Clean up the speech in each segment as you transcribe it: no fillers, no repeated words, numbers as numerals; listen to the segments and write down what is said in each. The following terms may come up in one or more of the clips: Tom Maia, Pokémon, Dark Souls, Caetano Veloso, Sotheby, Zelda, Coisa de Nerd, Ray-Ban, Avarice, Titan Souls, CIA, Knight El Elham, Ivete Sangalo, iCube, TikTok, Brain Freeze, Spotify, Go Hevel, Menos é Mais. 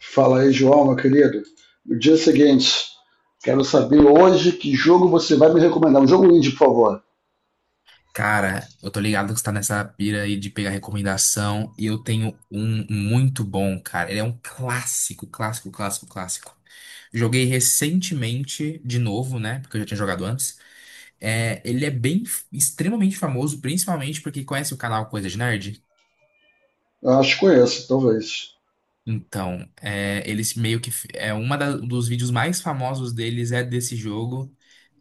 Fala aí, João, meu querido. No dia seguinte, quero saber hoje que jogo você vai me recomendar. Um jogo indie, por favor. Cara, eu tô ligado que você tá nessa pira aí de pegar recomendação e eu tenho um muito bom, cara. Ele é um clássico, clássico, clássico, clássico. Joguei recentemente de novo, né? Porque eu já tinha jogado antes. É, ele é bem, extremamente famoso, principalmente porque conhece o canal Coisa de Nerd. Eu acho que conheço, talvez. Então, é, eles meio que é dos vídeos mais famosos deles é desse jogo,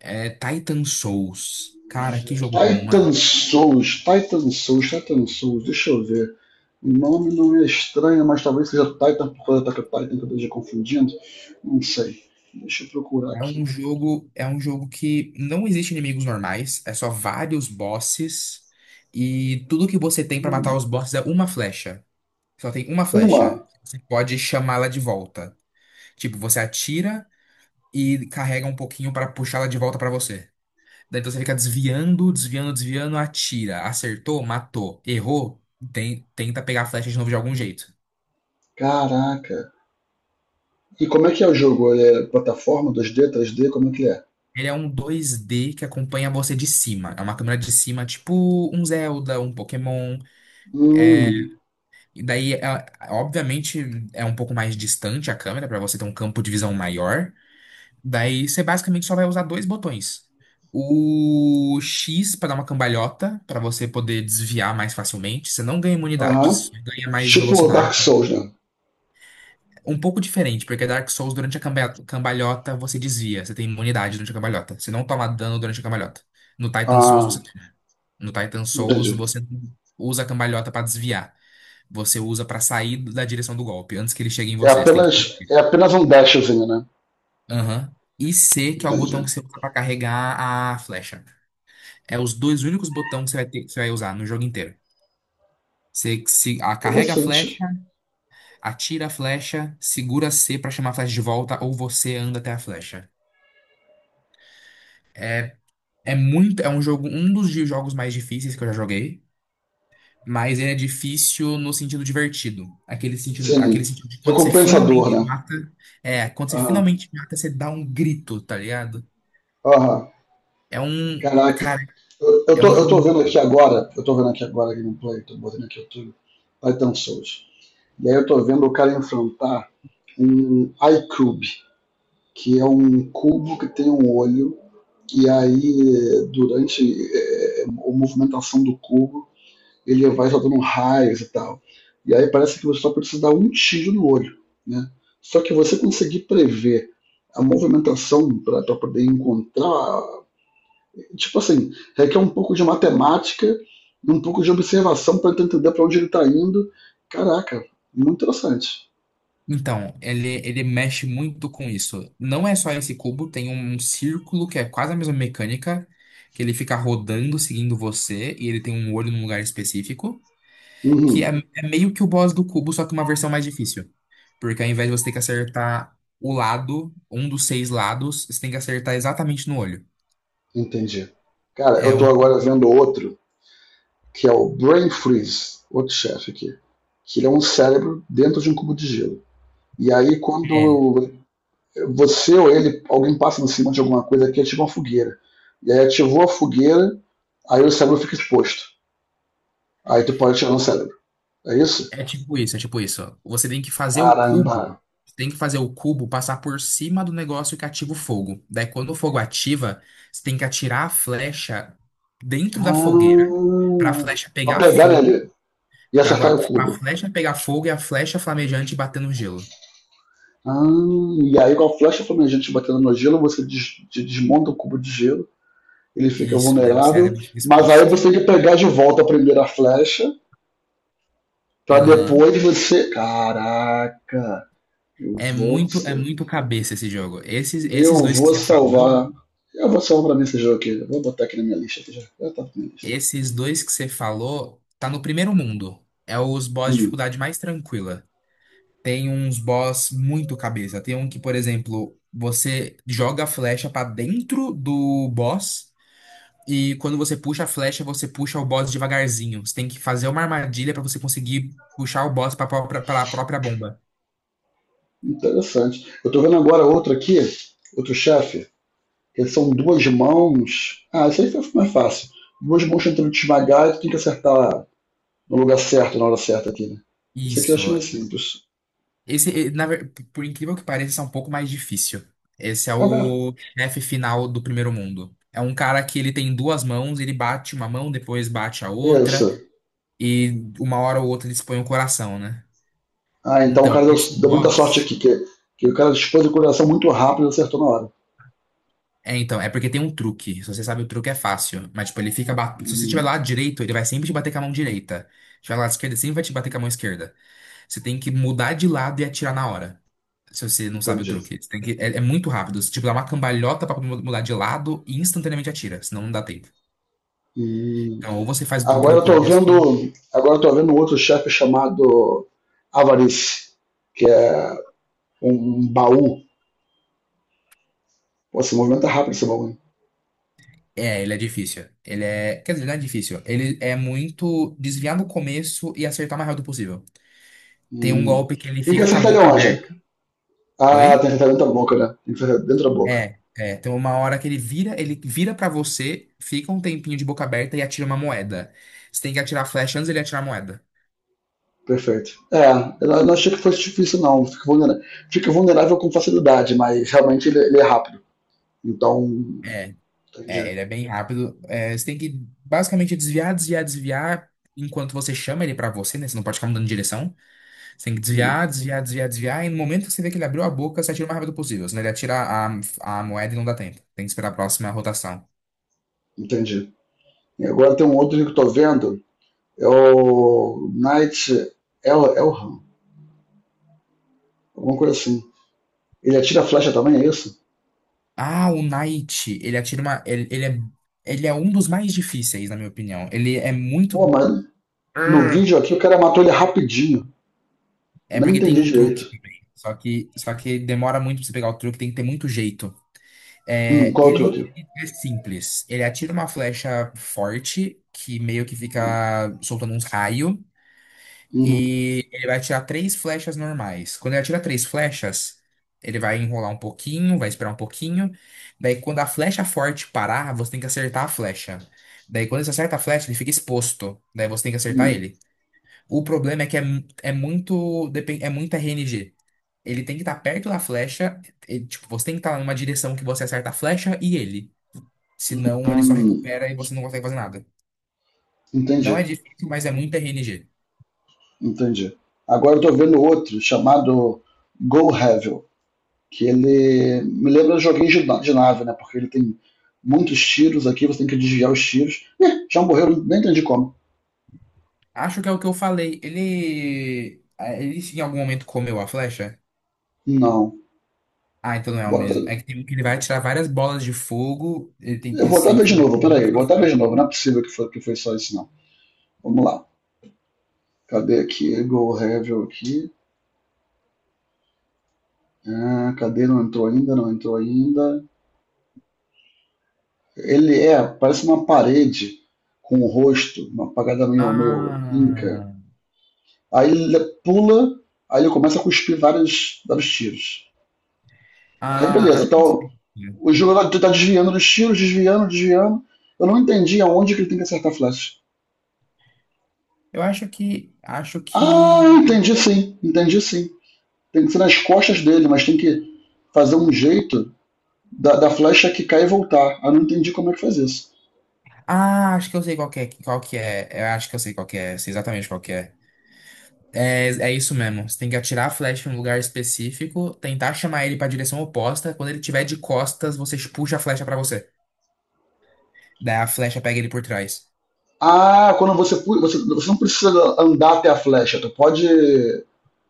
é Titan Souls. Cara, que jogo bom, Titan mano. Souls, Titan Souls, Titan Souls, deixa eu ver. O nome não é estranho, mas talvez seja Titan, por causa da Titan, que eu esteja confundindo. Não sei. Deixa eu procurar É aqui. um jogo, é um jogo que não existe inimigos normais, é só vários bosses e tudo que você tem pra Hum. matar os bosses é uma flecha. Só tem uma flecha. Uma. Você pode chamá-la de volta. Tipo, você atira e carrega um pouquinho pra puxá-la de volta pra você. Daí então você fica desviando, desviando, desviando, atira, acertou, matou, errou, tenta pegar a flecha de novo de algum jeito. Caraca. E como é que é o jogo? Ele é plataforma? Dois d, Três d? Como é que é? Ele é um 2D que acompanha você de cima. É uma câmera de cima, tipo um Zelda, um Pokémon. Hum. E daí, obviamente, é um pouco mais distante a câmera para você ter um campo de visão maior. Daí, você basicamente só vai usar dois botões. O X para dar uma cambalhota, para você poder desviar mais facilmente. Você não ganha imunidade, Aham. você ganha mais Tipo Dark velocidade. Souls, né? Um pouco diferente, porque Dark Souls, durante a cambalhota, você desvia. Você tem imunidade durante a cambalhota. Você não toma dano durante a cambalhota. No Titan Souls, Ah, você... No Titan Souls, entendi. você usa a cambalhota para desviar, você usa pra sair da direção do golpe, antes que ele chegue em você. Você tem que permitir. É apenas um dashzinho, né? Aham. E C, que é o Entendi. botão que você usa pra carregar a flecha. É os dois únicos botões que você vai ter, que você vai usar no jogo inteiro. Você se, a- carrega a flecha, Interessante. atira a flecha, segura C pra chamar a flecha de volta, ou você anda até a flecha. É, é muito, é um jogo, um dos jogos mais difíceis que eu já joguei. Mas ele é difícil no sentido divertido. Aquele sentido, aquele Sim. sentido de quando você Recompensador, finalmente né? mata. É, quando você Aham. finalmente mata, você dá um grito, tá ligado? Aham. Caraca. Cara, Eu, eu, é um tô, eu jogo. tô vendo aqui agora, eu tô vendo aqui agora a gameplay, tô botando aqui o YouTube, Titan Souls. E aí eu tô vendo o cara enfrentar um iCube, que é um cubo que tem um olho, e aí durante a movimentação do cubo ele vai soltando raios e tal. E aí parece que você só precisa dar um tiro no olho, né? Só que você conseguir prever a movimentação para poder encontrar, tipo assim, requer um pouco de matemática, um pouco de observação para entender para onde ele está indo. Caraca, muito interessante. Então, ele mexe muito com isso. Não é só esse cubo, tem um círculo que é quase a mesma mecânica, que ele fica rodando, seguindo você, e ele tem um olho num lugar específico. Que é, Uhum, é meio que o boss do cubo, só que uma versão mais difícil. Porque ao invés de você ter que acertar o lado, um dos seis lados, você tem que acertar exatamente no olho. entendi. Cara, É eu tô um. agora vendo outro, que é o Brain Freeze, outro chefe aqui, que ele é um cérebro dentro de um cubo de gelo. E aí, É, quando você ou ele, alguém passa em cima de alguma coisa que ativa uma fogueira. E aí ativou a fogueira, aí o cérebro fica exposto. Aí tu pode tirar no cérebro. É isso? é tipo isso. Caramba! Você tem que fazer o cubo passar por cima do negócio que ativa o fogo. Daí, quando o fogo ativa, você tem que atirar a flecha dentro da fogueira para a Ah, flecha pra pegar pegar nele fogo, e acertar para o a cubo. flecha pegar fogo e a flecha flamejante bater no gelo. Ah, e aí com a flecha flamejante batendo no gelo, você desmonta o cubo de gelo, ele fica Isso, daí o vulnerável, cérebro fica mas aí exposto. você tem que pegar de volta a primeira flecha, pra Aham. depois você. Caraca! Eu vou É ser. muito cabeça esse jogo. Esses Eu dois que vou você falou, salvar. Eu vou salvar pra mim esse jogo aqui. Eu vou botar aqui na minha lista. Aqui já, já tá na minha lista. Tá no primeiro mundo. É os boss de Hum, dificuldade mais tranquila. Tem uns boss muito cabeça. Tem um que, por exemplo, você joga a flecha pra dentro do boss e quando você puxa a flecha, você puxa o boss devagarzinho. Você tem que fazer uma armadilha pra você conseguir puxar o boss pela própria bomba. interessante. Eu tô vendo agora outro aqui, outro chefe, que são duas mãos. Ah, isso aí foi mais fácil. Duas mãos tentando te esmagar e tu tem que acertar no lugar certo, na hora certa aqui, né? Isso aqui eu acho Isso. mais simples. Esse, por incrível que pareça, esse é um pouco mais difícil. Esse é Ah, o chefe final do primeiro mundo. É um cara que ele tem duas mãos, ele bate uma mão, depois bate a pera. outra, Isso. e uma hora ou outra ele expõe o coração, né? Ah, então o Então, cara deu, esse deu muita sorte boss. aqui, que o cara dispôs o coração muito rápido e acertou na hora. É, então, é porque tem um truque. Se você sabe o truque, é fácil. Mas, tipo, se você estiver do Hum, lado direito, ele vai sempre te bater com a mão direita. Se estiver do lado esquerdo, ele sempre vai te bater com a mão esquerda. Você tem que mudar de lado e atirar na hora. Se você não sabe o entendi. truque. Você tem que, é, é muito rápido. Você, tipo, dá uma cambalhota pra mudar de lado e instantaneamente atira, senão não dá tempo. Hum. Então, ou você faz o truque Agora do eu tô começo. vendo, agora eu tô vendo outro chefe chamado Avarice, que é um um baú. Pô, se movimenta rápido esse baú. É, ele é difícil. Ele é. Quer dizer, não é difícil. Ele é muito desviar no começo e acertar o mais rápido possível. Tem um Hum. golpe que ele Tem que fica com a acertar ele boca onde? aberta. Ah, Oi? tem que acertar dentro da boca, né? Tem que acertar dentro da boca. É, é. Tem uma hora que ele vira pra você, fica um tempinho de boca aberta e atira uma moeda. Você tem que atirar a flecha antes dele atirar a moeda. Perfeito. É, eu não achei que fosse difícil, não. Fica vulnerável com facilidade, mas realmente ele, ele é rápido. Então, É. É, entendi. ele é bem rápido. É, você tem que basicamente desviar, desviar, desviar enquanto você chama ele pra você, né? Você não pode ficar mudando de direção. Você tem que Hum, desviar, desviar, desviar, desviar. E no momento que você vê que ele abriu a boca, você atira o mais rápido possível. Senão ele atira a moeda e não dá tempo. Tem que esperar a próxima rotação. entendi. E agora tem um outro que eu tô vendo, é o Knight El Elham, alguma coisa assim. Ele atira flecha também, é isso? Ah, o Knight, ele atira uma. Ele é um dos mais difíceis, na minha opinião. Ele é muito. Pô, mas no vídeo aqui o cara matou ele rapidinho. Eu É nem porque tem entendi um truque direito. também. Só que demora muito pra você pegar o truque, tem que ter muito jeito. É, Qual outro aqui? ele é simples. Ele atira uma flecha forte, que meio que Uhum. fica soltando uns raios, Hum, e ele vai atirar três flechas normais. Quando ele atira três flechas, ele vai enrolar um pouquinho, vai esperar um pouquinho. Daí, quando a flecha forte parar, você tem que acertar a flecha. Daí, quando você acerta a flecha, ele fica exposto. Daí, você tem que acertar hum, ele. O problema é que é, é muito, é muito RNG. Ele tem que estar perto da flecha. E, tipo, você tem que estar numa direção que você acerta a flecha e ele. Senão ele só hum. recupera e você não consegue fazer nada. Entendi, Não é difícil, mas é muito RNG. entendi. Agora eu tô vendo outro chamado Go Hevel, que ele me lembra de joguinho de nave, né? Porque ele tem muitos tiros aqui, você tem que desviar os tiros. Ih, já morreu, nem entendi como. Acho que é o que eu falei. Ele em algum momento comeu a flecha? Não. Ah, então não é o mesmo. É Bota- que tem um que ele vai atirar várias bolas de fogo. Eu Ele vou até tem ver que. de novo, Definir peraí, sua- vou até ver de novo. Não é possível que foi só isso, não. Vamos lá. Cadê aqui? Go Hevel aqui. Ah, cadê? Não entrou ainda, não entrou ainda. Ele é, parece uma parede com o rosto, uma pagada meio, meio inca. Ah. Aí ele pula, aí ele começa a cuspir vários, vários tiros. E aí, Ah, beleza, acho que eu então sei. o jogador tá desviando dos tiros, desviando, desviando. Eu não entendi aonde que ele tem que acertar a flecha. Eu acho que. Acho Ah, que. entendi sim, entendi sim. Tem que ser nas costas dele, mas tem que fazer um jeito da flecha que cai e voltar. Ah, não entendi como é que faz isso. Ah, acho que eu sei qual que é. Qual que é. Eu acho que eu sei qual que é. Sei exatamente qual que é. É, é isso mesmo. Você tem que atirar a flecha em um lugar específico, tentar chamar ele pra direção oposta. Quando ele tiver de costas, você puxa a flecha pra você. Daí a flecha pega ele por trás. Ah, quando você, você não precisa andar até a flecha,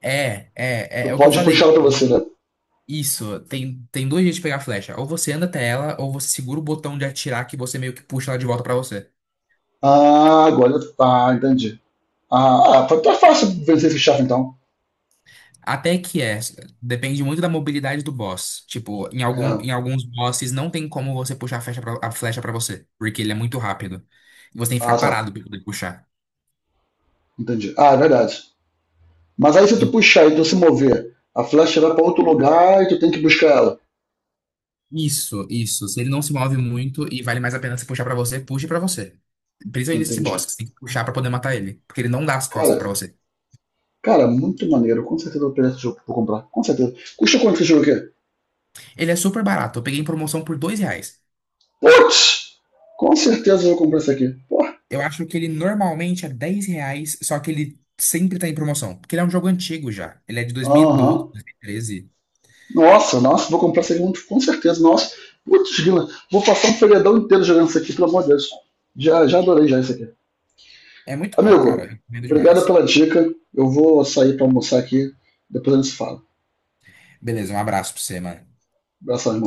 É, é, é, tu é o que eu pode puxar ela falei. pra você, né? Isso, tem dois jeitos de pegar a flecha. Ou você anda até ela, ou você segura o botão de atirar que você meio que puxa ela de volta pra você. Ah, agora, tá, entendi. Ah, ah, tá, tá fácil vencer esse chefe então. Até que é, depende muito da mobilidade do boss. Tipo, em É, algum, em alguns bosses não tem como você puxar a flecha pra você, porque ele é muito rápido. Você tem que ficar ah, tá, parado pra poder puxar. entendi. Ah, é verdade. Mas aí se tu puxar e tu se mover, a flecha vai pra outro lugar e tu tem que buscar ela. Isso, isso. Se ele não se move muito e vale mais a pena se puxar pra você, puxe pra você. Principalmente nesse Entendi. boss, que você tem que puxar pra poder matar ele, porque ele não dá as costas pra Cara, você. cara, muito maneiro. Com certeza eu vou pegar esse jogo pra comprar. Com certeza. Custa quanto esse jogo aqui? Ele é super barato, eu peguei em promoção por R$ 2. Putz! Com certeza eu vou comprar esse aqui. Pô. Eu acho que ele normalmente é R$ 10, só que ele sempre tá em promoção, porque ele é um jogo antigo já. Ele é de dois dois mil mil e Aham. doze dois mil e treze Nossa, nossa, vou comprar Segmento com certeza. Nossa, putz, grila, vou passar um feriadão inteiro jogando isso aqui, pelo amor de Deus. Já, já adorei já isso aqui. É muito bom, cara, Amigo, eu recomendo obrigado demais. pela dica. Eu vou sair para almoçar aqui, depois a gente se fala. Beleza, um abraço pra você, mano. Abração, irmão.